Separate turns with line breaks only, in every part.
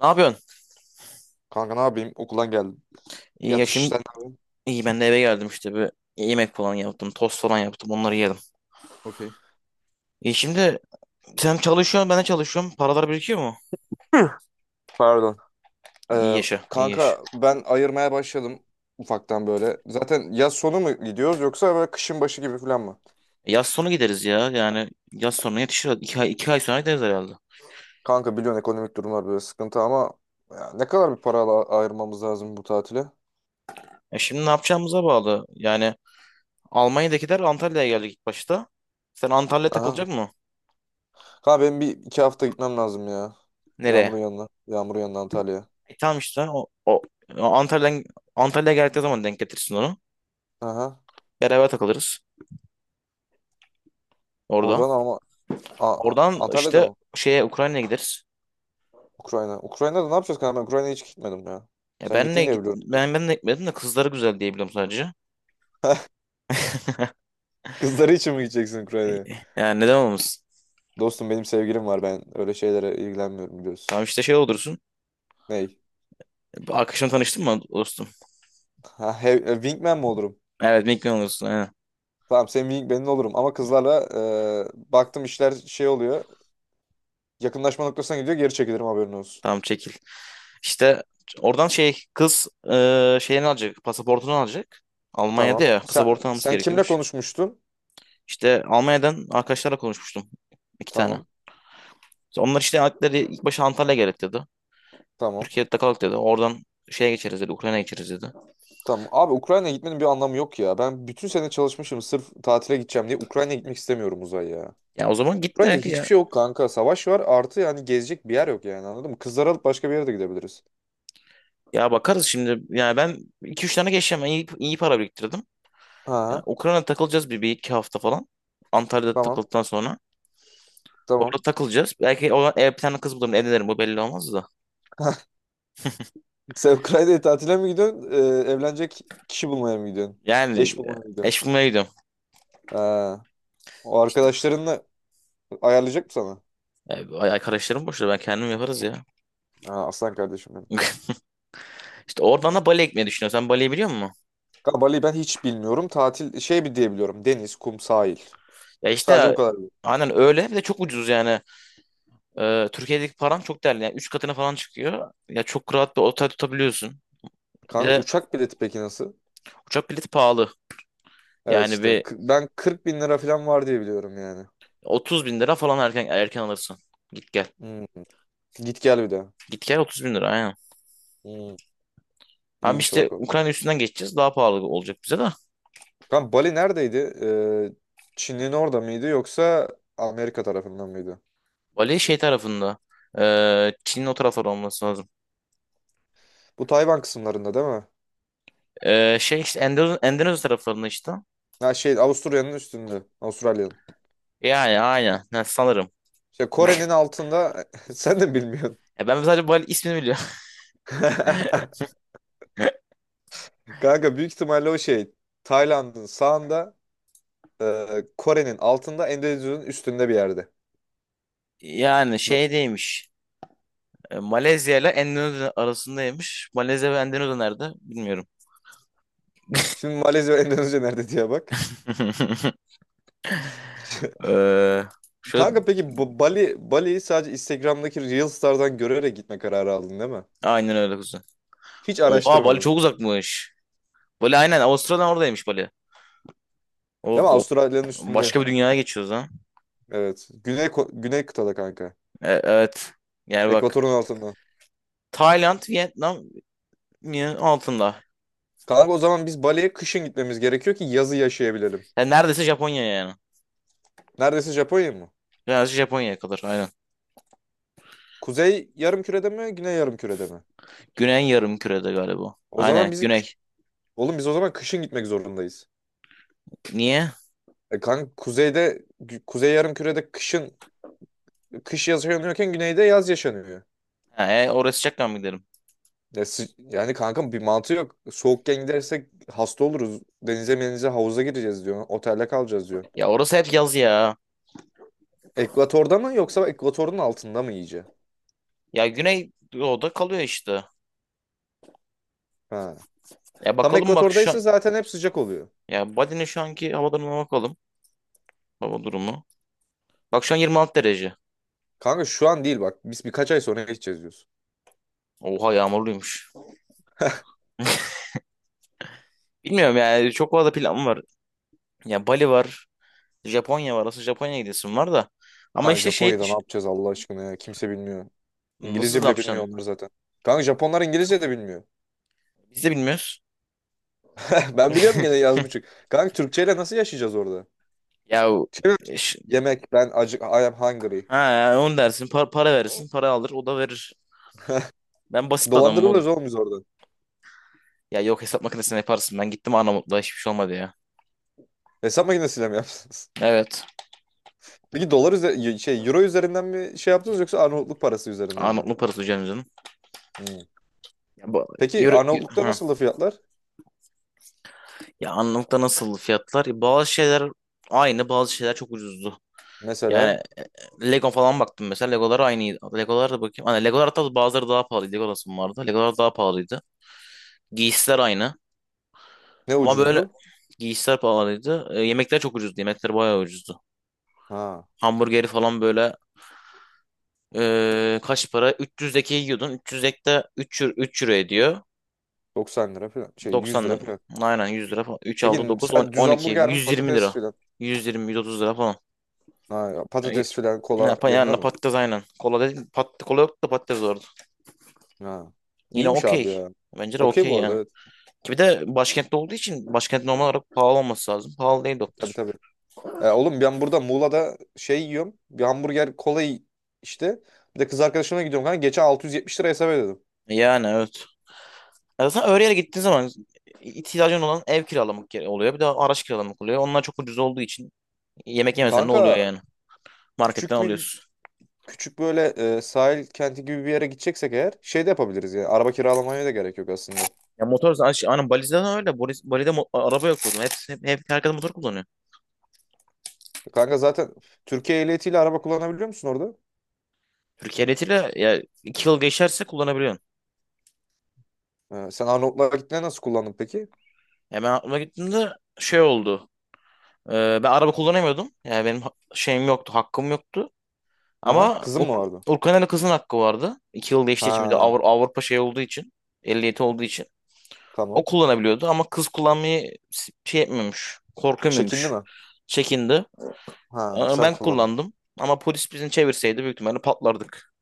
Ne yapıyorsun?
Kanka ne yapayım? Okuldan geldim.
İyi ya
Yatış
şimdi.
sen ne yapıyorsun?
İyi ben de eve geldim işte, bir yemek falan yaptım, tost falan yaptım, onları yedim.
Okey.
İyi şimdi. Sen çalışıyorsun, ben de çalışıyorum. Paralar birikiyor mu?
Hı. Pardon.
İyi
Ee,
yaşa, iyi yaşa.
kanka ben ayırmaya başladım ufaktan böyle. Zaten yaz sonu mu gidiyoruz yoksa böyle kışın başı gibi falan mı?
Yaz sonu gideriz ya, yani yaz sonu yetişir. İki ay, iki ay sonra gideriz herhalde.
Kanka biliyorsun ekonomik durumlar böyle sıkıntı ama ya ne kadar bir para ayırmamız lazım bu tatile?
Şimdi ne yapacağımıza bağlı. Yani Almanya'dakiler Antalya'ya geldik ilk başta. Sen Antalya'ya
Aha.
takılacak mı?
Kanka benim bir iki hafta gitmem lazım ya.
Nereye?
Yağmur'un yanına. Yağmur'un yanına Antalya'ya.
Tamam işte, o Antalya'dan Antalya'ya geldiği zaman denk getirsin onu.
Aha.
Beraber takılırız orada.
Oradan ama
Oradan
Antalya'da
işte
mı?
şeye Ukrayna'ya gideriz.
Ukrayna. Ukrayna'da ne yapacağız kanka? Ben Ukrayna'ya hiç gitmedim ya.
Ya
Sen
benle
gittin diye
git,
biliyorum.
ben de gitmedim de kızları güzel diyebilirim sadece.
Kızları için mi gideceksin
E,
Ukrayna'ya?
Yani neden olmasın?
Dostum benim sevgilim var ben öyle şeylere ilgilenmiyorum biliyorsun.
Tamam işte şey olursun.
Ney?
Arkadaşım tanıştın mı dostum?
Wingman mi olurum?
Evet, Mickey olursun. Aynen.
Tamam senin wingman'in olurum ama kızlarla baktım işler şey oluyor. Yakınlaşma noktasına gidiyor geri çekilirim haberin olsun.
Tamam, çekil. İşte oradan şey, kız şeyini alacak. Pasaportunu alacak. Almanya'da
Tamam.
ya
Sen,
pasaportunu alması
sen kimle
gerekiyormuş.
konuşmuştun?
İşte Almanya'dan arkadaşlarla konuşmuştum. İki tane.
Tamam.
İşte onlar işte aldıkları ilk başta Antalya gerek dedi.
Tamam.
Türkiye'de kalalım dedi. Oradan şeye geçeriz dedi. Ukrayna'ya geçeriz dedi.
Tamam. Abi Ukrayna'ya gitmenin bir anlamı yok ya. Ben bütün sene çalışmışım sırf tatile gideceğim diye Ukrayna'ya gitmek istemiyorum Uzay ya.
Ya o zaman
Ukrayna'da
gitme
hiçbir
ya.
şey yok kanka. Savaş var artı yani gezecek bir yer yok yani anladın mı? Kızları alıp başka bir yere de gidebiliriz.
Ya bakarız şimdi. Yani ben iki üç tane geçeceğim. Ben iyi, iyi para biriktirdim. Ya
Ha.
Ukrayna'da takılacağız bir iki hafta falan. Antalya'da
Tamam.
takıldıktan sonra.
Tamam.
Orada takılacağız. Belki o ev bir tane kız bulurum. Evlenirim. Bu belli olmaz da.
Sen Ukrayna'ya tatile mi gidiyorsun? Evlenecek kişi bulmaya mı gidiyorsun?
Yani
Eş bulmaya mı gidiyorsun?
eş bulmaya gidiyorum.
Ha, o
İşte
arkadaşlarınla ayarlayacak mı sana?
arkadaşlarım boşta, ben kendim yaparız ya.
Ha, aslan kardeşim benim.
İşte oradan da Bali'ye gitmeyi düşünüyorum. Sen Bali'yi biliyor musun?
Kanka Bali'yi ben hiç bilmiyorum. Tatil şey bir diyebiliyorum. Deniz, kum, sahil.
Ya
Sadece bu
işte
kadar.
aynen öyle. Bir de çok ucuz yani. Türkiye'deki param çok değerli. Yani 3 katına falan çıkıyor. Ya çok rahat bir otel tutabiliyorsun. Bir
Kanka
de
uçak bileti peki nasıl?
uçak bileti pahalı.
Evet
Yani
işte.
bir
Ben 40 bin lira falan var diye biliyorum yani.
30 bin lira falan erken erken alırsın. Git gel.
Hmm. Git gel bir de.
Git gel 30 bin lira, aynen.
Hmm.
Hem
İyiymiş
işte
bak o.
Ukrayna üstünden geçeceğiz. Daha pahalı olacak bize de.
Kanka Bali neredeydi? Çin'in orada mıydı yoksa Amerika tarafından mıydı?
Bali şey tarafında. Çin'in o tarafları olması lazım.
Bu Tayvan kısımlarında değil mi?
Şey işte Endonezya taraflarında işte.
Ha şey Avusturya'nın üstünde. Avustralya'nın.
Yani aynen. Ha, sanırım.
İşte Kore'nin altında sen de bilmiyorsun.
Ya ben sadece Bali ismini biliyorum.
Kanka büyük ihtimalle o şey Tayland'ın sağında e, Kore'nin altında Endonezya'nın üstünde bir yerde.
Yani
Bak.
şeydeymiş. Malezya ile Endonezya arasındaymış. Malezya ve Endonezya nerede? Bilmiyorum.
Şimdi Malezya ve Endonezya nerede diye bak.
Ee, Şöyle,
Kanka peki bu Bali'yi sadece Instagram'daki Reels'lardan görerek gitme kararı aldın değil mi?
aynen öyle kuzen.
Hiç
Oha, Bali
araştırmadın.
çok uzakmış. Bali aynen Avustralya'dan oradaymış Bali.
Değil mi?
Of, of.
Avustralya'nın üstünde.
Başka bir dünyaya geçiyoruz ha.
Evet. Güney Güney kıtada kanka.
Evet. Yani bak.
Ekvatorun altında.
Tayland, Vietnam yine altında.
Kanka o zaman biz Bali'ye kışın gitmemiz gerekiyor ki yazı yaşayabilelim.
Yani neredeyse Japonya yani.
Neredeyse Japonya mı?
Neredeyse Japonya'ya kadar aynen.
Kuzey yarım kürede mi, güney yarım kürede mi?
Güney yarımkürede galiba.
O
Aynen
zaman
güney.
oğlum biz o zaman kışın gitmek zorundayız.
Niye?
E kanka kuzey yarım kürede kışın kış yaşanıyorken güneyde yaz yaşanıyor.
Ha, oraya sıcaktan mı gidelim?
Yani kanka bir mantığı yok. Soğukken gidersek hasta oluruz. Denize menize havuza gireceğiz diyor. Otelde kalacağız diyor.
Ya orası hep yaz ya.
Ekvatorda mı yoksa ekvatorun altında mı iyice?
Ya güney doğuda kalıyor işte.
Ha.
Ya
Tam
bakalım bak şu
ekvatordaysa
an.
zaten hep sıcak oluyor.
Ya Bali'nin şu anki hava durumuna bakalım. Hava durumu. Bak şu an 26 derece.
Kanka şu an değil bak. Biz birkaç ay sonra gideceğiz diyoruz.
Oha, yağmurluymuş. Bilmiyorum yani çok fazla planım var. Ya Bali var. Japonya var. Aslında Japonya'ya gidesim var da. Ama
Kanka
işte şey
Japonya'da ne yapacağız Allah aşkına ya. Kimse bilmiyor.
nasıl
İngilizce
ne
bile bilmiyor
yapacaksın?
onlar zaten. Kanka Japonlar İngilizce de bilmiyor.
Biz de bilmiyoruz.
Ben biliyorum gene yaz buçuk. Kanka Türkçeyle nasıl yaşayacağız orada?
Ya o-
Şey mi?
e, ş-
Yemek ben acık I am hungry.
ha ya, onu dersin, para verirsin, para alır, o da verir. Ben basit bir adamım oğlum.
Dolandırılırız oğlum biz orada.
Ya yok, hesap makinesine yaparsın. Ben gittim Arnavutluğa, hiçbir şey olmadı ya.
Hesap makinesiyle mi yaptınız?
Evet.
Peki dolar üzeri şey euro üzerinden mi şey yaptınız yoksa Arnavutluk parası üzerinden mi?
Arnavutluk parası, hocam canım.
Hmm.
Ya, bu,
Peki Arnavutluk'ta
ha.
nasıldı fiyatlar?
Ya Arnavut'ta nasıl fiyatlar? Ya, bazı şeyler aynı, bazı şeyler çok ucuzdu.
Mesela
Yani Lego falan baktım mesela. Legolar aynıydı. Legolar da bakayım. Hani Legolar hatta bazıları daha pahalıydı. Lego vardı. Legolar daha pahalıydı. Giysiler aynı.
ne
Ama böyle
ucuzdu?
giysiler pahalıydı. Yemekler çok ucuzdu. Yemekler bayağı ucuzdu.
Ha
Hamburgeri falan böyle, kaç para? 300'deki yiyordun. 300'dekte 3 euro ediyor.
90 lira falan şey 100
90
lira.
lira. Aynen 100 lira falan. 3,
Peki
6, 9, 10,
mesela düz
12.
hamburger mi
120
patates
lira.
filan?
120, 130 lira falan.
Ha,
Yani,
patates filan
ne
kola
yapan
yanında
yani
mı?
patates aynen. Kola dedim. Kola yoktu da patates vardı.
Ha.
Yine
İyiymiş abi
okey.
ya.
Bence de
Okey
okey
bu arada
yani.
evet.
Ki bir de başkentte olduğu için başkent normal olarak pahalı olması lazım. Pahalı değil
Tabii
doktor.
tabii. Oğlum ben burada Muğla'da şey yiyorum. Bir hamburger kola işte. Bir de kız arkadaşımla gidiyorum kanka. Geçen 670 lira hesap ödedim.
Yani evet. Ya zaten Öreğe gittiğin zaman, ihtiyacın olan ev kiralamak oluyor. Bir de araç kiralamak oluyor. Onlar çok ucuz olduğu için, yemek yemesen ne oluyor
Kanka
yani? Marketten
küçük bir
alıyorsun.
küçük böyle sahil kenti gibi bir yere gideceksek eğer şey de yapabiliriz yani. Araba kiralamaya da gerek yok aslında.
Ya motor zaten şey, aynen Bali'de de öyle. Bali'de araba yok oğlum. Hep, hep, hep herkes motor kullanıyor.
Kanka zaten Türkiye ehliyetiyle araba kullanabiliyor musun orada?
Türkiye ehliyetiyle ya iki yıl geçerse kullanabiliyorsun.
Sen Arnavutluğa gittiğinde nasıl kullandın peki?
Ya ben aklıma gittiğimde şey oldu. Ee, Ben araba kullanamıyordum. Yani benim şeyim yoktu, hakkım yoktu.
Aha,
Ama
kızın mı vardı?
Urkan'ın kızın hakkı vardı. İki yıl geçtiği için, bir de
Ha
Avrupa şey olduğu için. Ehliyeti olduğu için. O
tamam.
kullanabiliyordu ama kız kullanmayı şey etmemiş.
Çekindi
Korkamıyormuş.
mi?
Çekindi.
Ha
Ama
sen
ben
kullandın.
kullandım. Ama polis bizi çevirseydi büyük ihtimalle patlardık.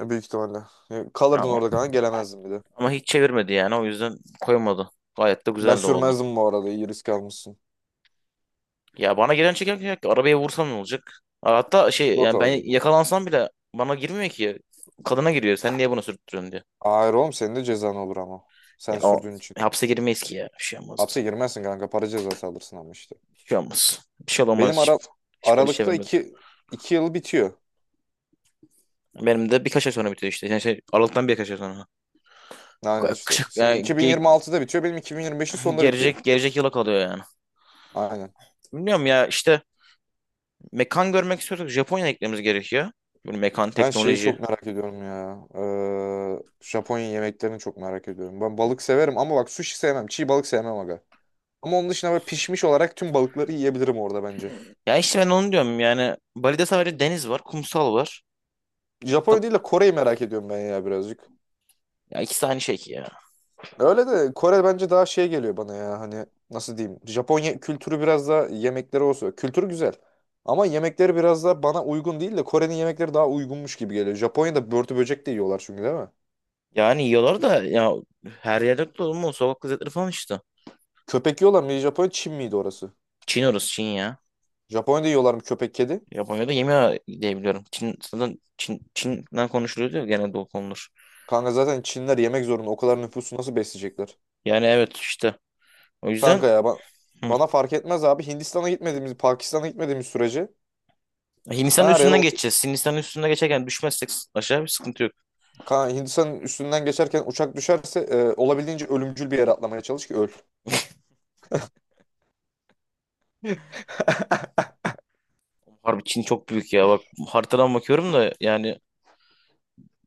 Büyük ihtimalle. Kalırdın
Ama,
orada kanka gelemezdin bir de.
ama hiç çevirmedi yani. O yüzden koymadı. Gayet de
Ben
güzel de oldu.
sürmezdim bu arada iyi risk almışsın.
Ya bana gelen çekerken arabaya vursam ne olacak? Hatta şey
Sigorta
yani
var
ben
zaten.
yakalansam bile bana girmiyor ki. Kadına giriyor. Sen niye bunu sürttürüyorsun diye.
Hayır oğlum senin de cezan olur ama.
Ya
Sen
o
sürdüğün için.
hapse girmeyiz ki ya. Bir şey olmazdı.
Hapse girmezsin kanka para cezası alırsın ama işte.
Bir şey olmaz. Bir şey olmaz.
Benim
Hiç,
ara
hiç polis
Aralık'ta
çevirmedi.
iki yıl bitiyor.
Benim de birkaç ay sonra bitiyor işte. Yani şey, Aralık'tan birkaç ay sonra.
Aynen işte. Senin
Yani
2026'da bitiyor benim 2025'in sonunda bitiyor.
gelecek yıla kalıyor yani.
Aynen.
Bilmiyorum ya işte mekan görmek istiyorsak Japonya eklememiz gerekiyor. Böyle mekan
Ben şeyi
teknoloji.
çok merak ediyorum ya. Japonya yemeklerini çok merak ediyorum. Ben balık severim ama bak sushi sevmem. Çiğ balık sevmem aga. Ama onun dışında böyle pişmiş olarak tüm balıkları yiyebilirim orada bence.
Ya işte ben onu diyorum yani Bali'de sadece deniz var, kumsal var.
Japonya değil de Kore'yi merak ediyorum ben ya birazcık.
Ya ikisi aynı şey ki ya.
Öyle de Kore bence daha şey geliyor bana ya hani nasıl diyeyim. Japonya kültürü biraz daha yemekleri olsa. Kültürü güzel. Ama yemekleri biraz daha bana uygun değil de Kore'nin yemekleri daha uygunmuş gibi geliyor. Japonya'da börtü böcek de yiyorlar çünkü değil mi?
Yani yiyorlar da ya, her yerde yok da oğlum, o sokak lezzetleri falan işte.
Köpek yiyorlar mı? Japonya Çin miydi orası?
Çin orası Çin ya.
Japonya'da yiyorlar mı köpek kedi?
Japonya'da yemiyor diyebiliyorum. Çin zaten Çin, Çin'den konuşuluyor diyor genelde o konular.
Kanka zaten Çinliler yemek zorunda. O kadar nüfusu nasıl besleyecekler?
Yani evet işte. O yüzden.
Kanka ya ba-
Hı.
Bana fark etmez abi. Hindistan'a gitmediğimiz, Pakistan'a gitmediğimiz sürece ben
Hindistan'ın
her yere
üstünden
o.
geçeceğiz. Hindistan'ın üstünden geçerken düşmezsek aşağı bir sıkıntı yok.
Kanka Hindistan'ın üstünden geçerken uçak düşerse olabildiğince ölümcül bir yere atlamaya çalış ki öl.
Harbi, Çin çok büyük ya. Bak, haritadan bakıyorum da yani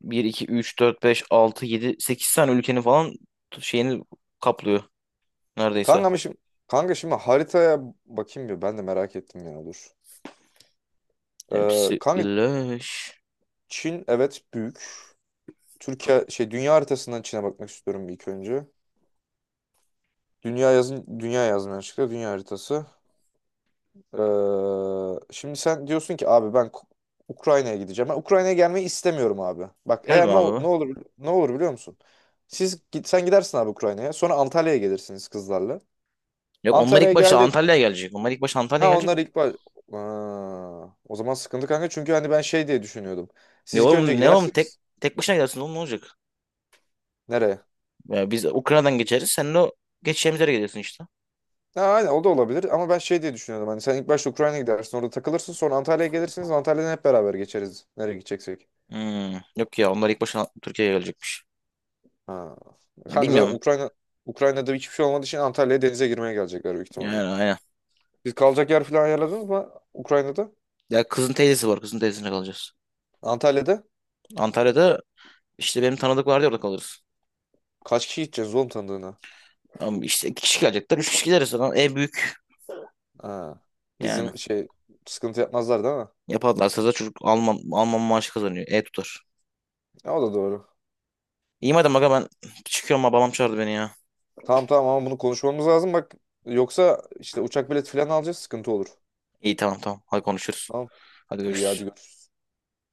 bir 2 3 4 5 6 7 8 tane ülkenin falan şeyini kaplıyor neredeyse.
Kanka ama şimdi Kanka şimdi haritaya bakayım bir ben de merak ettim ya dur.
Hepsi
Kanka
birleş.
Çin evet büyük. Türkiye şey dünya haritasından Çin'e bakmak istiyorum bir ilk önce. Dünya yazın dünya yazmaya çıktı. Dünya haritası. Şimdi sen diyorsun ki abi Ukrayna'ya gideceğim. Ben Ukrayna'ya gelmeyi istemiyorum abi. Bak
Gelme
eğer
abi be.
ne olur ne olur biliyor musun? Sen gidersin abi Ukrayna'ya. Sonra Antalya'ya gelirsiniz kızlarla.
Yok, onlar ilk
Antalya'ya
başta
geldi.
Antalya'ya gelecek. Onlar ilk başta Antalya'ya
Ha onlar
gelecek.
ilk baş... Aa, o zaman sıkıntı kanka çünkü hani ben şey diye düşünüyordum.
Ne
Siz ilk önce
oğlum ne oğlum
gidersiniz.
tek başına gidersin oğlum, ne olacak?
Nereye?
Ya biz Ukrayna'dan geçeriz. Sen de o geçeceğimiz yere gelirsin işte.
Ha, aynen o da olabilir ama ben şey diye düşünüyordum. Hani sen ilk başta Ukrayna'ya gidersin orada takılırsın sonra Antalya'ya gelirsiniz. Antalya'dan hep beraber geçeriz nereye gideceksek.
Yok ya onlar ilk başta Türkiye'ye gelecekmiş.
Ha.
Ya
Kanka zaten
bilmiyorum.
Ukrayna'da hiçbir şey olmadığı için Antalya'ya denize girmeye gelecekler büyük
Yani
ihtimalle.
aynen.
Siz kalacak yer falan ayarladınız mı Ukrayna'da?
Ya kızın teyzesi var. Kızın teyzesine kalacağız.
Antalya'da?
Antalya'da işte benim tanıdık vardı orada kalırız.
Kaç kişi gideceğiz oğlum tanıdığına?
Ama işte iki kişi gelecekler. Üç kişi gideriz zaten. Büyük.
Ha.
Yani.
İzin şey sıkıntı yapmazlar değil mi?
Yaparlarsa da çocuk Alman maaşı kazanıyor. Tutar.
Ya, o da doğru.
İyi madem aga, ben çıkıyorum. Babam çağırdı beni ya.
Tamam tamam ama bunu konuşmamız lazım bak. Yoksa işte uçak bileti falan alacağız sıkıntı olur.
İyi, tamam tamam. Hadi konuşuruz.
Tamam.
Hadi
İyi
görüşürüz.
hadi